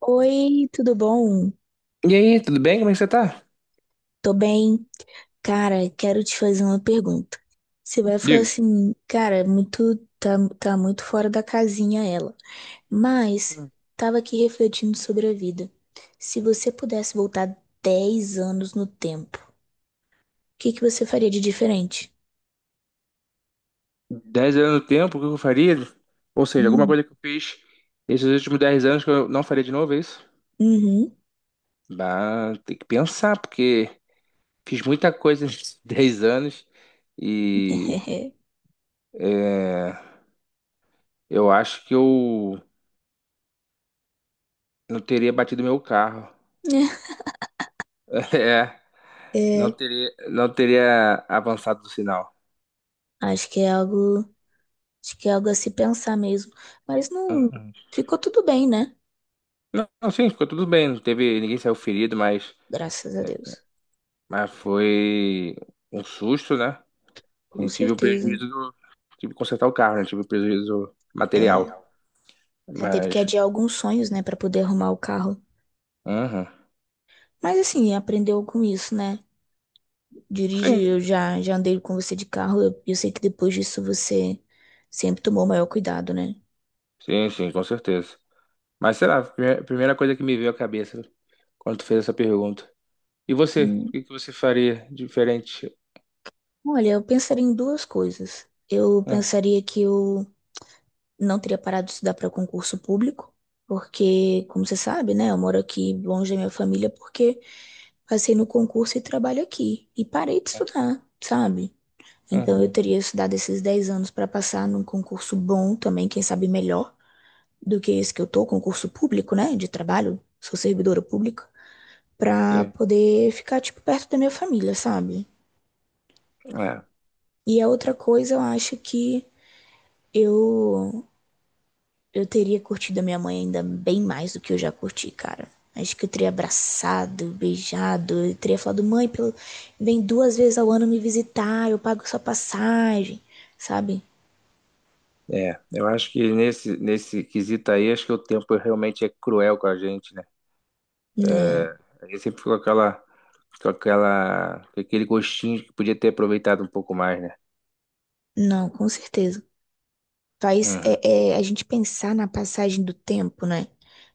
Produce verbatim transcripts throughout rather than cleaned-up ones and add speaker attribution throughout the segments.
Speaker 1: Oi, tudo bom?
Speaker 2: E aí, tudo bem? Como é que você tá?
Speaker 1: Tô bem. Cara, quero te fazer uma pergunta. Você vai falar
Speaker 2: Diga.
Speaker 1: assim, cara, muito tá, tá muito fora da casinha ela. Mas tava aqui refletindo sobre a vida. Se você pudesse voltar dez anos no tempo, o que que você faria de diferente?
Speaker 2: Dez anos no tempo, o que eu faria? Ou seja, alguma
Speaker 1: Hum,
Speaker 2: coisa que eu fiz esses últimos dez anos que eu não faria de novo, é isso?
Speaker 1: Uhum.
Speaker 2: Bah, tem que pensar, porque fiz muita coisa nesses dez anos e é, eu acho que eu não teria batido meu carro. É, não
Speaker 1: É,
Speaker 2: teria, não teria avançado do sinal.
Speaker 1: acho que é algo, acho que é algo a se pensar mesmo. Mas não ficou tudo bem, né?
Speaker 2: Não, não, sim, ficou tudo bem, não teve, ninguém saiu ferido, mas,
Speaker 1: Graças a Deus.
Speaker 2: mas foi um susto, né? E
Speaker 1: Com
Speaker 2: tive o
Speaker 1: certeza.
Speaker 2: prejuízo do. Tive que consertar o carro, né? Tive o prejuízo material.
Speaker 1: É, já teve que
Speaker 2: Mas.
Speaker 1: adiar alguns sonhos, né, pra poder arrumar o carro.
Speaker 2: Uhum.
Speaker 1: Mas assim, aprendeu com isso, né? Dirige,
Speaker 2: Sim,
Speaker 1: eu já, já andei com você de carro, eu, eu sei que depois disso você sempre tomou maior cuidado, né?
Speaker 2: sim, sim, com certeza. Mas sei lá, a primeira primeira coisa que me veio à cabeça quando tu fez essa pergunta. E você? O
Speaker 1: Hum,
Speaker 2: que que você faria diferente?
Speaker 1: Olha, eu pensaria em duas coisas. Eu
Speaker 2: Uhum,
Speaker 1: pensaria que eu não teria parado de estudar para concurso público, porque, como você sabe, né, eu moro aqui longe da minha família porque passei no concurso e trabalho aqui. E parei de estudar, sabe? Então eu
Speaker 2: uhum,
Speaker 1: teria estudado esses dez anos para passar num concurso bom também, quem sabe melhor do que esse que eu tô, concurso público, né, de trabalho, sou servidora pública, para
Speaker 2: sim.
Speaker 1: poder ficar tipo perto da minha família, sabe? E a outra coisa, eu acho que eu eu teria curtido a minha mãe ainda bem mais do que eu já curti, cara. Acho que eu teria abraçado, beijado, eu teria falado, mãe, pelo... vem duas vezes ao ano me visitar, eu pago sua passagem, sabe?
Speaker 2: É, é. Eu acho que nesse, nesse quesito aí, acho que o tempo realmente é cruel com a gente, né?
Speaker 1: Né?
Speaker 2: É, a gente sempre ficou com aquela, com aquela, com aquele gostinho de que podia ter aproveitado um pouco mais, né?
Speaker 1: Não, com certeza. Faz
Speaker 2: Uhum.
Speaker 1: é, é, a gente pensar na passagem do tempo, né?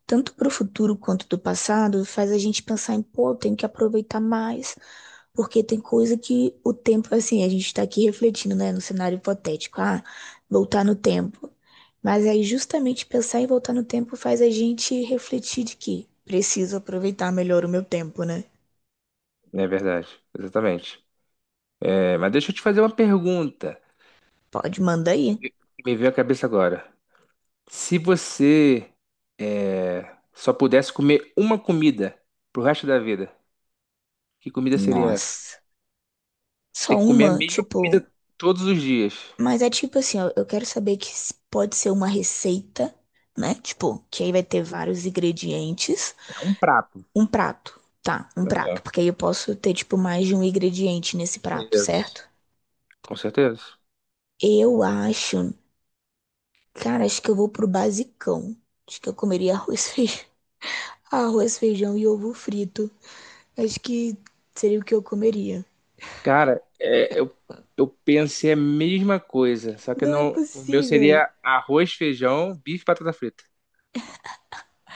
Speaker 1: Tanto para o futuro quanto do passado, faz a gente pensar em, pô, tem que aproveitar mais, porque tem coisa que o tempo, assim, a gente está aqui refletindo, né, no cenário hipotético, ah, voltar no tempo. Mas aí justamente pensar em voltar no tempo faz a gente refletir de que preciso aproveitar melhor o meu tempo, né?
Speaker 2: É verdade, exatamente. É, mas deixa eu te fazer uma pergunta.
Speaker 1: Pode, manda
Speaker 2: Me
Speaker 1: aí.
Speaker 2: veio Me veio à cabeça agora. Se você é, só pudesse comer uma comida pro resto da vida, que comida seria essa?
Speaker 1: Nossa,
Speaker 2: Tem
Speaker 1: só
Speaker 2: que comer a
Speaker 1: uma,
Speaker 2: mesma comida
Speaker 1: tipo.
Speaker 2: todos os dias.
Speaker 1: Mas é tipo assim, ó, eu quero saber que s- pode ser uma receita, né? Tipo, que aí vai ter vários ingredientes.
Speaker 2: É um prato.
Speaker 1: Um prato, tá? Um prato,
Speaker 2: É,
Speaker 1: porque aí eu posso ter, tipo, mais de um ingrediente nesse prato,
Speaker 2: isso.
Speaker 1: certo?
Speaker 2: Com certeza.
Speaker 1: Eu acho, cara, acho que eu vou pro basicão. Acho que eu comeria arroz, feijão, arroz, feijão e ovo frito. Acho que seria o que eu comeria.
Speaker 2: Cara, é, eu, eu pensei a mesma coisa, só que
Speaker 1: Não é
Speaker 2: não, o meu
Speaker 1: possível,
Speaker 2: seria arroz, feijão, bife e batata frita.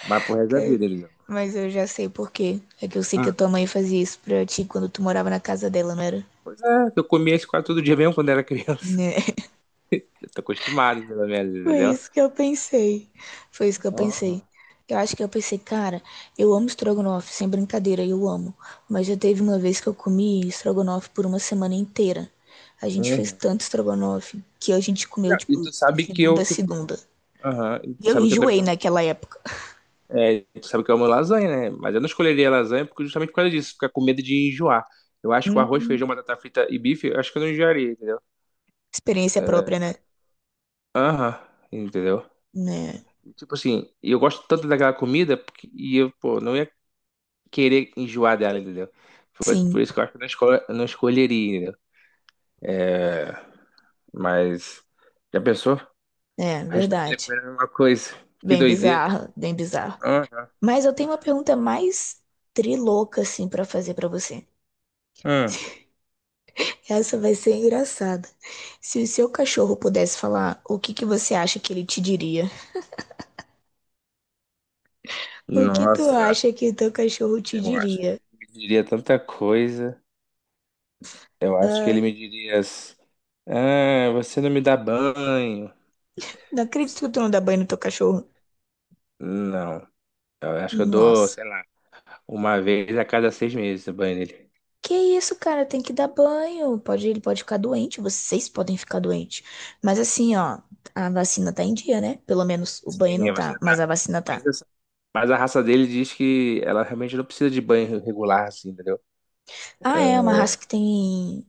Speaker 2: Mas pro resto da
Speaker 1: cara.
Speaker 2: vida, entendeu?
Speaker 1: Mas eu já sei por quê. É que eu sei que a tua mãe fazia isso pra ti quando tu morava na casa dela, não era?
Speaker 2: Pois é, eu comia isso quase todo dia mesmo quando era criança.
Speaker 1: Né?
Speaker 2: Eu tô acostumado, pelo menos,
Speaker 1: Foi
Speaker 2: entendeu?
Speaker 1: isso que eu pensei. Foi isso que eu pensei.
Speaker 2: Aham,
Speaker 1: Eu acho que eu pensei, cara, eu amo estrogonofe, sem brincadeira, eu amo. Mas já teve uma vez que eu comi estrogonofe por uma semana inteira. A gente fez
Speaker 2: aham.
Speaker 1: tanto estrogonofe que a gente comeu,
Speaker 2: Não, e
Speaker 1: tipo,
Speaker 2: tu
Speaker 1: de
Speaker 2: sabe que eu,
Speaker 1: segunda a
Speaker 2: tipo,
Speaker 1: segunda.
Speaker 2: aham, e
Speaker 1: E
Speaker 2: tu
Speaker 1: eu
Speaker 2: sabe que eu também
Speaker 1: enjoei
Speaker 2: amo,
Speaker 1: naquela época.
Speaker 2: é, tu sabe que eu amo lasanha, né? Mas eu não escolheria lasanha porque justamente por causa disso, ficar com medo de enjoar. Eu acho que o arroz,
Speaker 1: Uhum.
Speaker 2: feijão, batata frita e bife, eu acho que eu não enjoaria, entendeu?
Speaker 1: Experiência própria,
Speaker 2: É,
Speaker 1: né?
Speaker 2: aham, entendeu?
Speaker 1: Né?
Speaker 2: Tipo assim, e eu gosto tanto daquela comida porque, e eu, pô, não ia querer enjoar dela, entendeu? Por, por
Speaker 1: Sim,
Speaker 2: isso que eu acho que eu não, escol- eu não escolheria, entendeu? É, mas já pensou?
Speaker 1: é
Speaker 2: O resto da vida
Speaker 1: verdade.
Speaker 2: comendo a mesma coisa. Que
Speaker 1: Bem
Speaker 2: doideira.
Speaker 1: bizarra, bem bizarro.
Speaker 2: Ah,
Speaker 1: Mas eu tenho uma pergunta mais trilouca, assim, pra fazer pra você.
Speaker 2: ah.
Speaker 1: Essa vai ser engraçada. Se o seu cachorro pudesse falar, o que que você acha que ele te diria? O que tu
Speaker 2: Nossa,
Speaker 1: acha que o teu cachorro te
Speaker 2: eu acho que
Speaker 1: diria?
Speaker 2: ele me diria tanta coisa. Eu acho que ele
Speaker 1: Ah,
Speaker 2: me diria assim, ah, você não me dá banho.
Speaker 1: não acredito que tu não dá banho no teu cachorro.
Speaker 2: Não. Eu acho que eu dou,
Speaker 1: Nossa.
Speaker 2: sei lá, uma vez a cada seis meses o banho dele.
Speaker 1: Que isso, cara? Tem que dar banho. Pode, ele pode ficar doente, vocês podem ficar doentes. Mas assim, ó, a vacina tá em dia, né? Pelo menos o banho não
Speaker 2: Sim, você
Speaker 1: tá, mas
Speaker 2: tá.
Speaker 1: a vacina
Speaker 2: Mas,
Speaker 1: tá.
Speaker 2: essa- mas a raça dele diz que ela realmente não precisa de banho regular, assim, entendeu?
Speaker 1: Ah, é uma raça que tem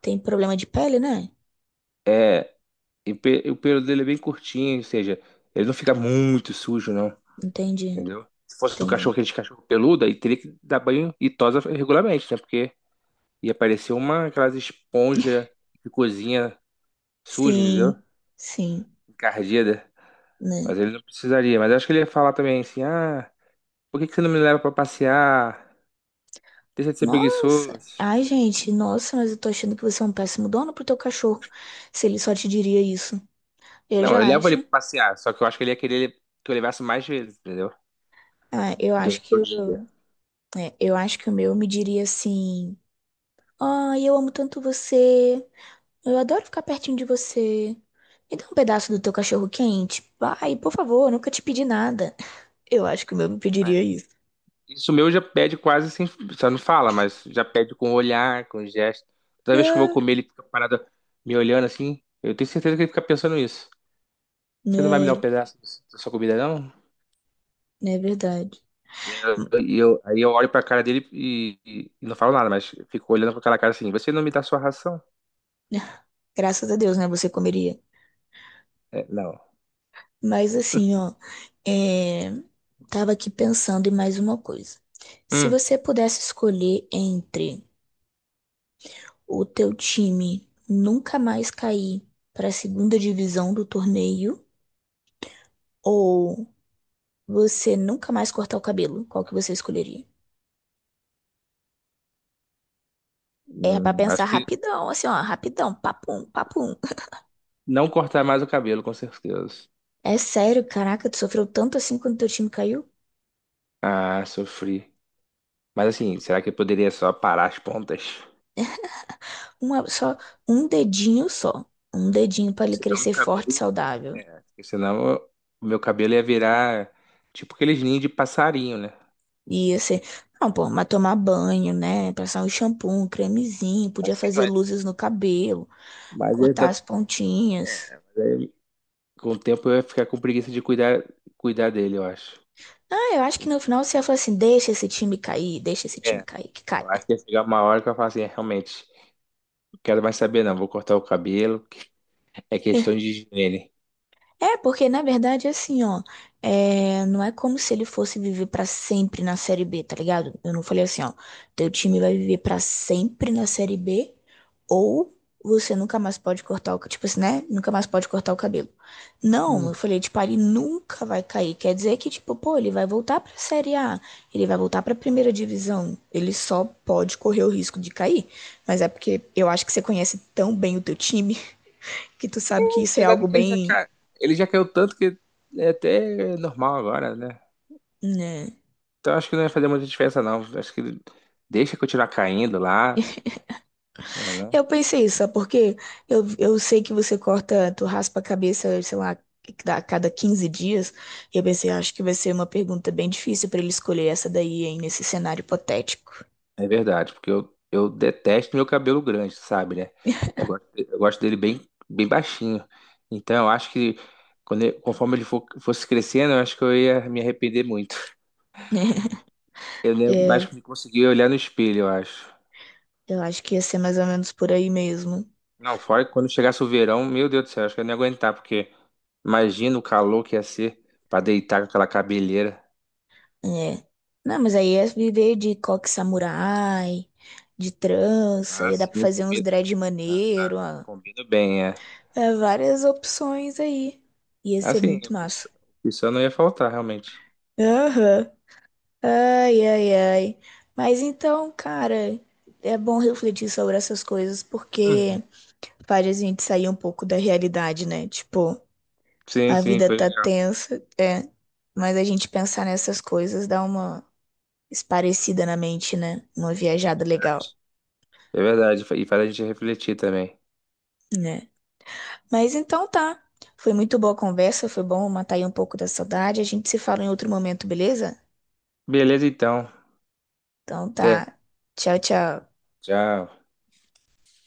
Speaker 1: tem problema de pele, né?
Speaker 2: É, e o pe- o pelo dele é bem curtinho, ou seja, ele não fica muito sujo, não,
Speaker 1: Entendi,
Speaker 2: entendeu? Se fosse o cachorro,
Speaker 1: entendi.
Speaker 2: aquele cachorro peludo, aí teria que dar banho e tosa regularmente, né? Porque ia aparecer uma, aquelas esponja de cozinha suja, entendeu?
Speaker 1: Sim, sim,
Speaker 2: Encardida.
Speaker 1: né?
Speaker 2: Mas ele não precisaria. Mas eu acho que ele ia falar também assim, ah, por que que você não me leva pra passear? Deixa de ser
Speaker 1: Nossa.
Speaker 2: preguiçoso.
Speaker 1: Ai, gente, nossa, mas eu tô achando que você é um péssimo dono pro teu cachorro, se ele só te diria isso. Eu
Speaker 2: Não,
Speaker 1: já
Speaker 2: eu levo ele
Speaker 1: acho.
Speaker 2: pra passear, só que eu acho que ele ia querer que eu levasse mais vezes, entendeu?
Speaker 1: Ah, eu acho
Speaker 2: Durante o
Speaker 1: que, o-
Speaker 2: dia.
Speaker 1: É, eu acho que o meu me diria assim: Ai, eu amo tanto você. Eu adoro ficar pertinho de você. Me dá um pedaço do teu cachorro quente. Vai, por favor, eu nunca te pedi nada. Eu acho que o meu me
Speaker 2: É.
Speaker 1: pediria isso.
Speaker 2: Isso meu já pede quase sem. Só não fala, mas já pede com olhar, com gesto. Toda vez que eu vou
Speaker 1: É.
Speaker 2: comer, ele fica parado me olhando assim. Eu tenho certeza que ele fica pensando isso. Você não vai me dar um
Speaker 1: Né,
Speaker 2: pedaço da sua comida, não?
Speaker 1: não é verdade.
Speaker 2: E eu,
Speaker 1: Hum,
Speaker 2: e eu- aí eu olho pra cara dele e, e- e não falo nada, mas fico olhando com aquela cara assim: Você não me dá sua ração?
Speaker 1: Graças a Deus, né? Você comeria.
Speaker 2: É, não.
Speaker 1: Mas assim, ó, é... tava aqui pensando em mais uma coisa. Se
Speaker 2: Hum,
Speaker 1: você pudesse escolher entre o teu time nunca mais cair para a segunda divisão do torneio ou você nunca mais cortar o cabelo, qual que você escolheria? É pra
Speaker 2: hum,
Speaker 1: pensar
Speaker 2: acho que
Speaker 1: rapidão, assim, ó, rapidão, papum, papum.
Speaker 2: não cortar mais o cabelo, com certeza.
Speaker 1: É sério, caraca, tu sofreu tanto assim quando teu time caiu?
Speaker 2: Ah, sofri. Mas assim, será que eu poderia só parar as pontas?
Speaker 1: Uma, só um dedinho só. Um dedinho pra ele
Speaker 2: Senão meu
Speaker 1: crescer forte e
Speaker 2: cabelo.
Speaker 1: saudável.
Speaker 2: É, porque senão eu- o meu cabelo ia virar tipo aqueles ninhos de passarinho, né?
Speaker 1: E assim, não, pô, mas tomar banho, né? Passar um shampoo, um cremezinho, podia
Speaker 2: Assim,
Speaker 1: fazer
Speaker 2: mas.
Speaker 1: luzes no cabelo,
Speaker 2: Mas é da-
Speaker 1: cortar as pontinhas.
Speaker 2: é, mas aí com o tempo eu ia ficar com preguiça de cuidar, cuidar dele, eu acho.
Speaker 1: Ah, eu acho que no final você ia falar assim: deixa esse time cair, deixa esse time
Speaker 2: É,
Speaker 1: cair, que caia.
Speaker 2: eu acho que ia chegar uma hora que eu falo assim, é, realmente, não quero mais saber não, vou cortar o cabelo, é questão de higiene.
Speaker 1: É, porque na verdade, assim, ó, é, não é como se ele fosse viver pra sempre na Série B, tá ligado? Eu não falei assim, ó, teu time vai viver pra sempre na Série B, ou você nunca mais pode cortar o, ca- tipo assim, né? Nunca mais pode cortar o cabelo. Não, eu
Speaker 2: Hum.
Speaker 1: falei, tipo, ah, ele nunca vai cair. Quer dizer que, tipo, pô, ele vai voltar pra Série A, ele vai voltar pra primeira divisão. Ele só pode correr o risco de cair. Mas é porque eu acho que você conhece tão bem o teu time que tu sabe que isso é
Speaker 2: Apesar de
Speaker 1: algo
Speaker 2: que ele já,
Speaker 1: bem,
Speaker 2: ca- ele já caiu tanto que é até normal agora, né?
Speaker 1: né?
Speaker 2: Então acho que não ia fazer muita diferença não, acho que deixa continuar caindo lá, né, não?
Speaker 1: Eu pensei isso, sabe por quê? Eu, eu sei que você corta, tu raspa a cabeça, sei lá, a cada quinze dias. E eu pensei, "Ah, acho que vai ser uma pergunta bem difícil pra ele escolher essa daí, hein, nesse cenário hipotético."
Speaker 2: É verdade, porque eu, eu detesto meu cabelo grande, sabe, né? Eu gosto, eu gosto dele bem, bem baixinho. Então, eu acho que quando ele- conforme ele for fosse crescendo, eu acho que eu ia me arrepender muito. Eu nem- acho que
Speaker 1: É,
Speaker 2: me consegui olhar no espelho, eu acho.
Speaker 1: eu acho que ia ser mais ou menos por aí mesmo.
Speaker 2: Não, fora que quando chegasse o verão, meu Deus do céu, acho que eu não ia aguentar, porque imagina o calor que ia ser pra deitar com aquela cabeleira.
Speaker 1: É. Não, mas aí ia viver de coque samurai, de trança,
Speaker 2: Ah,
Speaker 1: ia dar pra
Speaker 2: sim,
Speaker 1: fazer uns
Speaker 2: combina,
Speaker 1: dread
Speaker 2: ah, ah,
Speaker 1: maneiro, ó.
Speaker 2: combina bem, é.
Speaker 1: É, várias opções aí. Ia ser
Speaker 2: Assim, o
Speaker 1: muito massa.
Speaker 2: pessoal não ia faltar, realmente.
Speaker 1: Aham. Ai, ai, ai. Mas então, cara, é bom refletir sobre essas coisas porque
Speaker 2: Uhum.
Speaker 1: faz a gente sair um pouco da realidade, né? Tipo,
Speaker 2: Sim,
Speaker 1: a
Speaker 2: sim,
Speaker 1: vida
Speaker 2: foi
Speaker 1: tá
Speaker 2: legal.
Speaker 1: tensa, é, mas a gente pensar nessas coisas dá uma esparecida na mente, né? Uma
Speaker 2: É
Speaker 1: viajada legal,
Speaker 2: verdade. É verdade. E faz a gente refletir também.
Speaker 1: né? Mas então tá. Foi muito boa a conversa, foi bom matar aí um pouco da saudade. A gente se fala em outro momento, beleza?
Speaker 2: Beleza, então.
Speaker 1: Então
Speaker 2: Até.
Speaker 1: tá. Tchau, tchau.
Speaker 2: Tchau.